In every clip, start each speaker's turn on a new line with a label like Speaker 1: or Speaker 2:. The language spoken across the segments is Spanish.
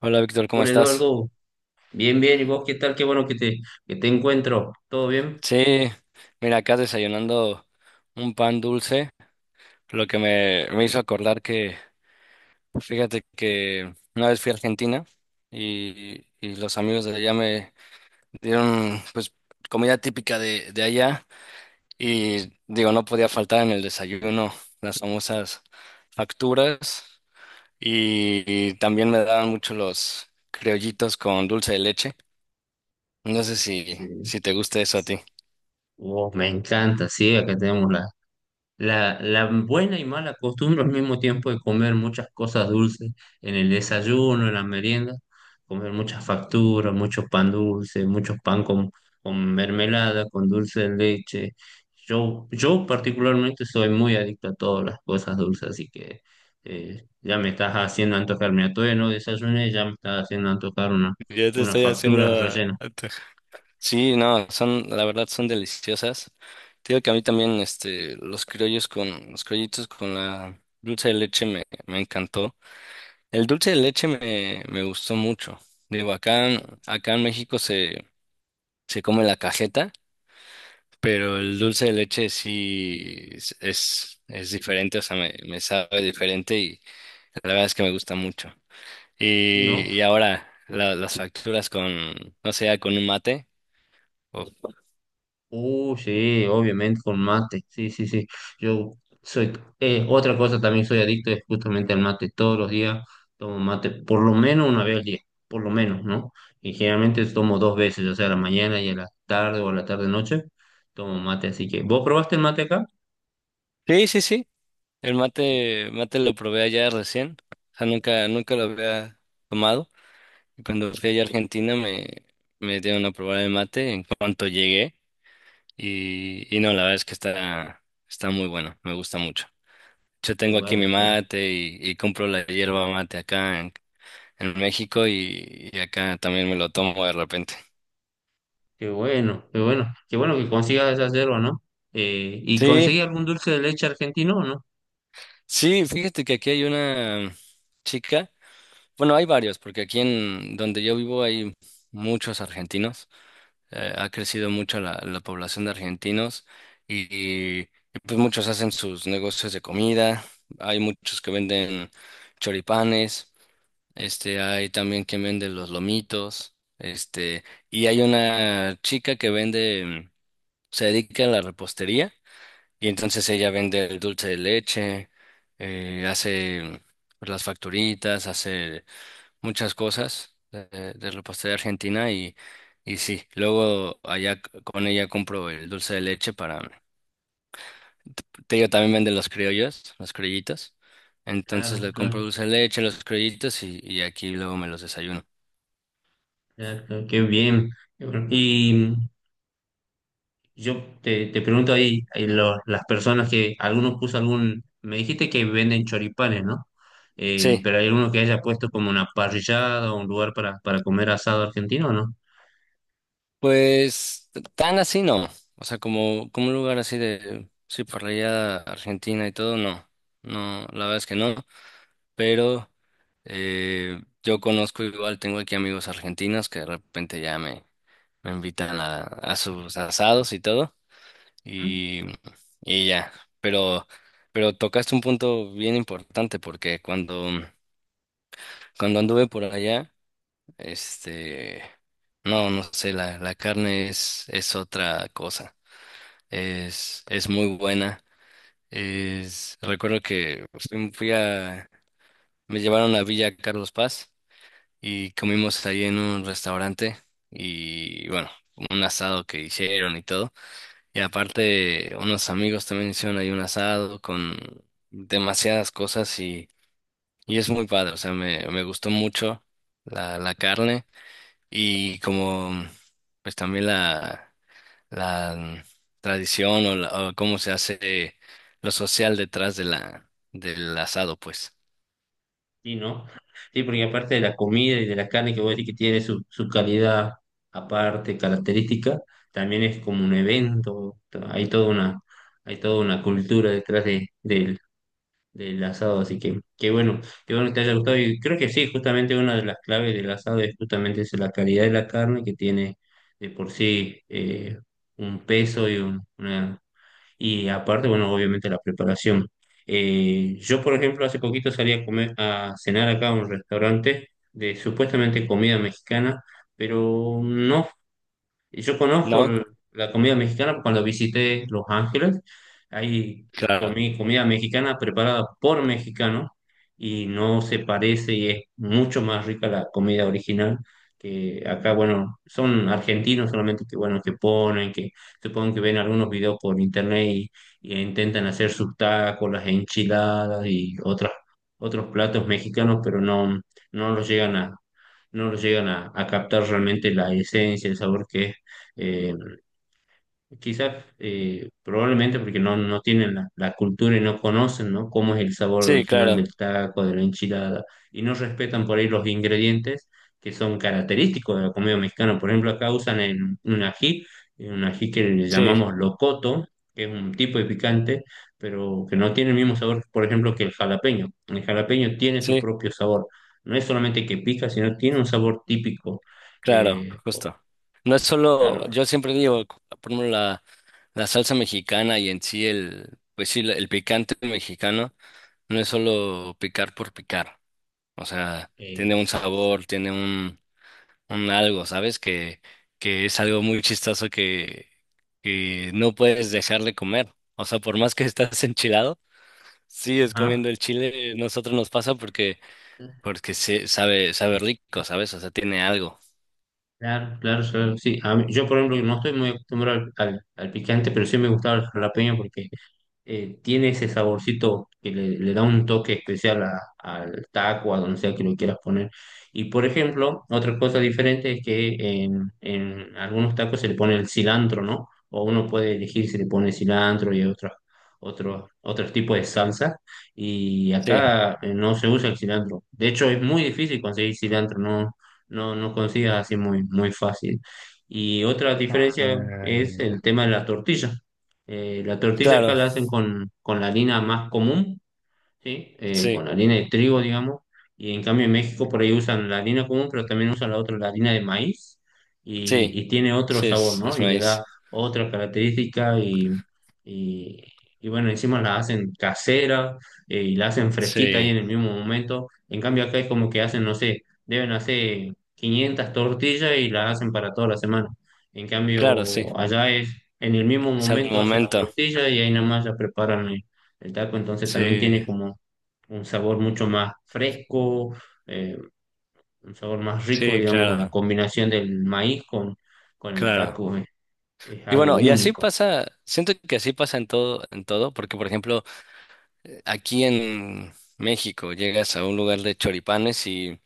Speaker 1: Hola Víctor, ¿cómo
Speaker 2: Hola
Speaker 1: estás?
Speaker 2: Eduardo, bien, bien, ¿y vos qué tal? Qué bueno que que te encuentro, ¿todo bien?
Speaker 1: Sí, mira, acá desayunando un pan dulce, lo que me hizo acordar que fíjate que una vez fui a Argentina y los amigos de allá me dieron pues comida típica de allá y digo, no podía faltar en el desayuno las famosas facturas y también me daban mucho los criollitos con dulce de leche. No
Speaker 2: Oh,
Speaker 1: sé si,
Speaker 2: sí.
Speaker 1: si te gusta eso a ti.
Speaker 2: Oh, me encanta, sí, acá tenemos la buena y mala costumbre al mismo tiempo de comer muchas cosas dulces en el desayuno, en la merienda, comer muchas facturas, mucho pan dulce, mucho pan con mermelada, con dulce de leche. Yo particularmente soy muy adicto a todas las cosas dulces, así que ya me estás haciendo antojar, mira, todavía no desayuné, ya me estás haciendo antojar
Speaker 1: Ya te
Speaker 2: unas
Speaker 1: estoy haciendo
Speaker 2: facturas rellenas.
Speaker 1: a tu- Sí, no, son, la verdad son deliciosas. Te digo que a mí también, este, los los criollitos con la dulce de leche me encantó. El dulce de leche me gustó mucho. Digo, acá en México se come la cajeta, pero el dulce de leche sí es diferente, o sea, me sabe diferente y la verdad es que me gusta mucho.
Speaker 2: Y no.
Speaker 1: Y ahora, las facturas no sé, con un mate. o-
Speaker 2: Sí, obviamente con mate. Sí, sí, sí. Yo soy, otra cosa también soy adicto es justamente al mate. Todos los días tomo mate, por lo menos una vez al día, por lo menos, ¿no? Y generalmente tomo dos veces, ya sea a la mañana y a la tarde o a la tarde-noche, tomo mate. Así que, ¿vos probaste el mate acá?
Speaker 1: Sí, sí, sí. El
Speaker 2: Sí.
Speaker 1: mate lo probé allá recién, o sea, nunca lo había tomado. Y cuando fui allá a Argentina me dieron a probar el mate en cuanto llegué. Y no, la verdad es que está muy bueno, me gusta mucho. Yo
Speaker 2: Qué
Speaker 1: tengo aquí mi
Speaker 2: bueno, qué, bueno,
Speaker 1: mate y compro la hierba mate en México y acá también me lo tomo de repente.
Speaker 2: qué bueno, qué bueno. Qué bueno que consigas esa yerba, ¿no? ¿Y
Speaker 1: Sí,
Speaker 2: conseguí algún dulce de leche argentino o no?
Speaker 1: sí, fíjate que aquí hay una chica, bueno, hay varios, porque aquí en donde yo vivo hay muchos argentinos. Ha crecido mucho la población de argentinos y, y, y pues muchos hacen sus negocios de comida, hay muchos que venden choripanes, este, hay también quien vende los lomitos, este, y hay una chica que vende, se dedica a la repostería y entonces ella vende el dulce de leche, hace las facturitas, hace muchas cosas de la pastelería argentina y sí, luego allá con ella compro el dulce de leche para... Te digo, también venden los criollos, las criollitas. Entonces
Speaker 2: Claro,
Speaker 1: le compro
Speaker 2: claro,
Speaker 1: dulce de leche, los criollitos y aquí luego me los desayuno.
Speaker 2: claro, claro, qué bien. Qué bueno. Y yo te pregunto ahí, ahí lo- las personas que, algunos puso algún, me dijiste que venden choripanes, ¿no? Eh,
Speaker 1: Sí,
Speaker 2: pero hay alguno que haya puesto como una parrillada o un lugar para comer asado argentino, ¿o no?
Speaker 1: pues tan así no. O sea, como un lugar así de... Sí, por allá Argentina y todo, no. No, la verdad es que no. Pero yo conozco igual, tengo aquí amigos argentinos que de repente ya me... Me invitan a sus asados y todo.
Speaker 2: ¿Mm?
Speaker 1: Y, y ya. Pero, pero tocaste un punto bien importante porque cuando anduve por allá, este, no sé, la carne es otra cosa. Es muy buena. Es, recuerdo que fui, me llevaron a Villa Carlos Paz y comimos ahí en un restaurante y bueno, un asado que hicieron y todo. Y aparte, unos amigos también hicieron ahí un asado con demasiadas cosas y es muy padre. O sea, me gustó mucho la carne y como pues también la tradición o o cómo se hace lo social detrás de del asado, pues.
Speaker 2: Sí, ¿no? Sí, porque aparte de la comida y de la carne que vos decís que tiene su calidad aparte, característica, también es como un evento, hay toda una, hay toda una cultura detrás del del asado, así que qué bueno que te haya gustado. Y creo que sí, justamente una de las claves del asado es justamente eso, la calidad de la carne que tiene de por sí un peso y un- una y aparte, bueno, obviamente la preparación. Yo, por ejemplo, hace poquito salí a comer, a cenar acá a un restaurante de supuestamente comida mexicana, pero no. Y yo conozco
Speaker 1: ¿No?
Speaker 2: el- la comida mexicana cuando visité Los Ángeles. Ahí
Speaker 1: Claro.
Speaker 2: comí comida mexicana preparada por mexicanos y no se parece, y es mucho más rica la comida original que acá, bueno, son argentinos solamente que, bueno, que ponen, que supongo que ven algunos videos por internet y intentan hacer sus tacos, las enchiladas y otros platos mexicanos, pero no, no los llegan a no los llegan a captar realmente la esencia, el sabor que es eh, quizás probablemente porque no, no tienen la, la cultura y no conocen, ¿no? Cómo es el sabor
Speaker 1: Sí,
Speaker 2: original
Speaker 1: claro.
Speaker 2: del taco, de la enchilada, y no respetan por ahí los ingredientes que son característicos de la comida mexicana. Por ejemplo, acá usan el- un ají que le
Speaker 1: Sí,
Speaker 2: llamamos locoto, que es un tipo de picante, pero que no tiene el mismo sabor, por ejemplo, que el jalapeño. El jalapeño tiene su
Speaker 1: sí.
Speaker 2: propio sabor. No es solamente que pica, sino tiene un sabor típico.
Speaker 1: Claro,
Speaker 2: Eh,
Speaker 1: justo. No es solo,
Speaker 2: claro.
Speaker 1: yo siempre digo, por ejemplo, la salsa mexicana y en sí el, pues sí, el picante mexicano no es solo picar por picar. O sea, tiene
Speaker 2: eh,
Speaker 1: un sabor, un algo, ¿sabes? Que es algo muy chistoso que no puedes dejar de comer. O sea, por más que estás enchilado, sigues comiendo
Speaker 2: Ajá.
Speaker 1: el chile, nosotros nos pasa porque sabe rico, ¿sabes? O sea, tiene algo.
Speaker 2: Claro, claro, claro, sí. A mí- yo, por ejemplo, no estoy muy acostumbrado al picante, pero sí me gustaba el jalapeño porque tiene ese saborcito que le da un toque especial a- al taco, a donde sea que lo quieras poner. Y por ejemplo, otra cosa diferente es que en algunos tacos se le pone el cilantro, ¿no? O uno puede elegir si le pone cilantro y otros tipos de salsa. Y
Speaker 1: Sí.
Speaker 2: acá no se usa el cilantro. De hecho, es muy difícil conseguir cilantro, no, no consigas así muy, muy fácil. Y otra
Speaker 1: Ah,
Speaker 2: diferencia es el
Speaker 1: ya.
Speaker 2: tema de la tortilla. La tortilla acá
Speaker 1: Claro,
Speaker 2: la hacen con la harina más común. ¿Sí? Con
Speaker 1: sí,
Speaker 2: la harina de trigo, digamos, y en cambio en México por ahí usan la harina común, pero también usan la otra, la harina de maíz,
Speaker 1: sí,
Speaker 2: y tiene otro
Speaker 1: sí,
Speaker 2: sabor, ¿no?
Speaker 1: es
Speaker 2: Y le
Speaker 1: maíz.
Speaker 2: da otra característica y, y bueno, encima la hacen casera y la hacen fresquita ahí
Speaker 1: Sí,
Speaker 2: en el mismo momento. En cambio acá es como que hacen, no sé, deben hacer 500 tortillas y las hacen para toda la semana. En
Speaker 1: claro, sí,
Speaker 2: cambio allá es, en el mismo
Speaker 1: es al
Speaker 2: momento hacen la
Speaker 1: momento.
Speaker 2: tortilla y ahí nada más ya preparan el taco, entonces también
Speaker 1: Sí,
Speaker 2: tiene como un sabor mucho más fresco, eh, un sabor más rico,
Speaker 1: sí,
Speaker 2: digamos, con la
Speaker 1: claro,
Speaker 2: combinación del maíz con el
Speaker 1: claro.
Speaker 2: taco es
Speaker 1: Y
Speaker 2: algo
Speaker 1: bueno, y así
Speaker 2: único.
Speaker 1: pasa, siento que así pasa en todo, porque por ejemplo, aquí en México llegas a un lugar de choripanes y,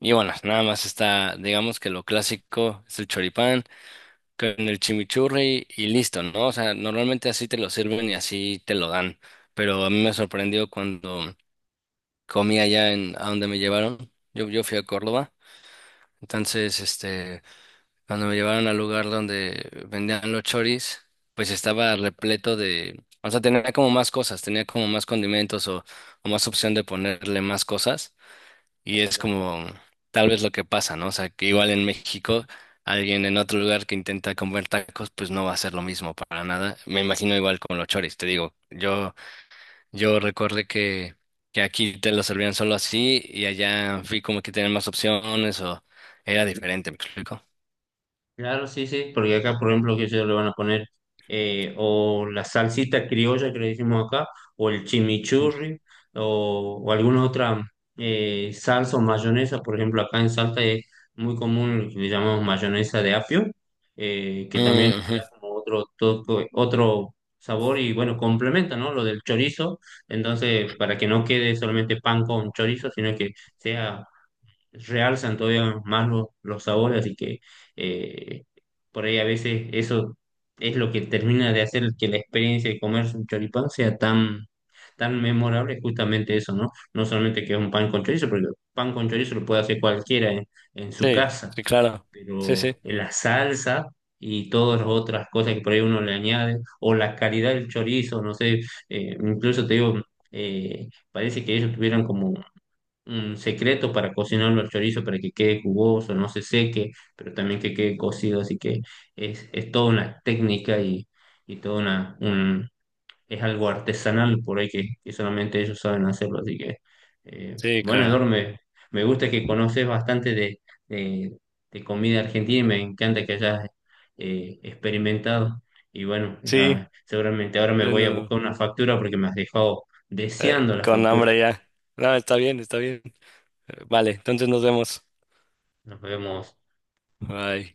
Speaker 1: y bueno, nada más está, digamos que lo clásico es el choripán con el chimichurri y listo, ¿no? O sea, normalmente así te lo sirven y así te lo dan, pero a mí me sorprendió cuando comí allá en a donde me llevaron. Yo fui a Córdoba. Entonces, este, cuando me llevaron al lugar donde vendían los choris, pues estaba repleto de, o sea, tenía como más cosas, tenía como más condimentos o más opción de ponerle más cosas. Y es como tal vez lo que pasa, ¿no? O sea, que igual en México, alguien en otro lugar que intenta comer tacos, pues no va a ser lo mismo para nada. Me imagino igual con los choris, te digo, yo recuerdo que aquí te lo servían solo así y allá fui como que tenían más opciones o era diferente, ¿me explico?
Speaker 2: Claro, sí, sí, porque acá, por ejemplo, que ellos le van a poner o la salsita criolla que le decimos acá, o el
Speaker 1: Mm.
Speaker 2: chimichurri, o alguna otra salsa o mayonesa. Por ejemplo, acá en Salta es muy común lo que le llamamos mayonesa de apio, que también
Speaker 1: Mm,
Speaker 2: le da
Speaker 1: ujú.
Speaker 2: como otro toque, otro sabor y bueno, complementa, ¿no? Lo del chorizo. Entonces, para que no quede solamente pan con chorizo, sino que sea realzan todavía más los sabores, así que eh, por ahí a veces eso es lo que termina de hacer que la experiencia de comerse un choripán sea tan, tan memorable, es justamente eso, ¿no? No solamente que es un pan con chorizo, porque el pan con chorizo lo puede hacer cualquiera en su
Speaker 1: Sí,
Speaker 2: casa,
Speaker 1: sí, claro. Sí, sí,
Speaker 2: pero la salsa y todas las otras cosas que por ahí uno le añade, o la calidad del chorizo, no sé, incluso te digo... parece que ellos tuvieran como un secreto para cocinarlo al chorizo para que quede jugoso, no se seque, pero también que quede cocido, así que es toda una técnica y toda una, un, es algo artesanal por ahí que solamente ellos saben hacerlo, así que
Speaker 1: sí,
Speaker 2: bueno,
Speaker 1: claro.
Speaker 2: Eduardo, me gusta que conoces bastante de, de comida argentina y me encanta que hayas experimentado. Y bueno,
Speaker 1: Sí,
Speaker 2: ya, seguramente ahora me
Speaker 1: yo
Speaker 2: voy a
Speaker 1: no-
Speaker 2: buscar una factura porque me has dejado deseando la
Speaker 1: con
Speaker 2: factura.
Speaker 1: hambre ya. No, está bien, está bien. Vale, entonces nos vemos.
Speaker 2: Nos vemos
Speaker 1: Bye.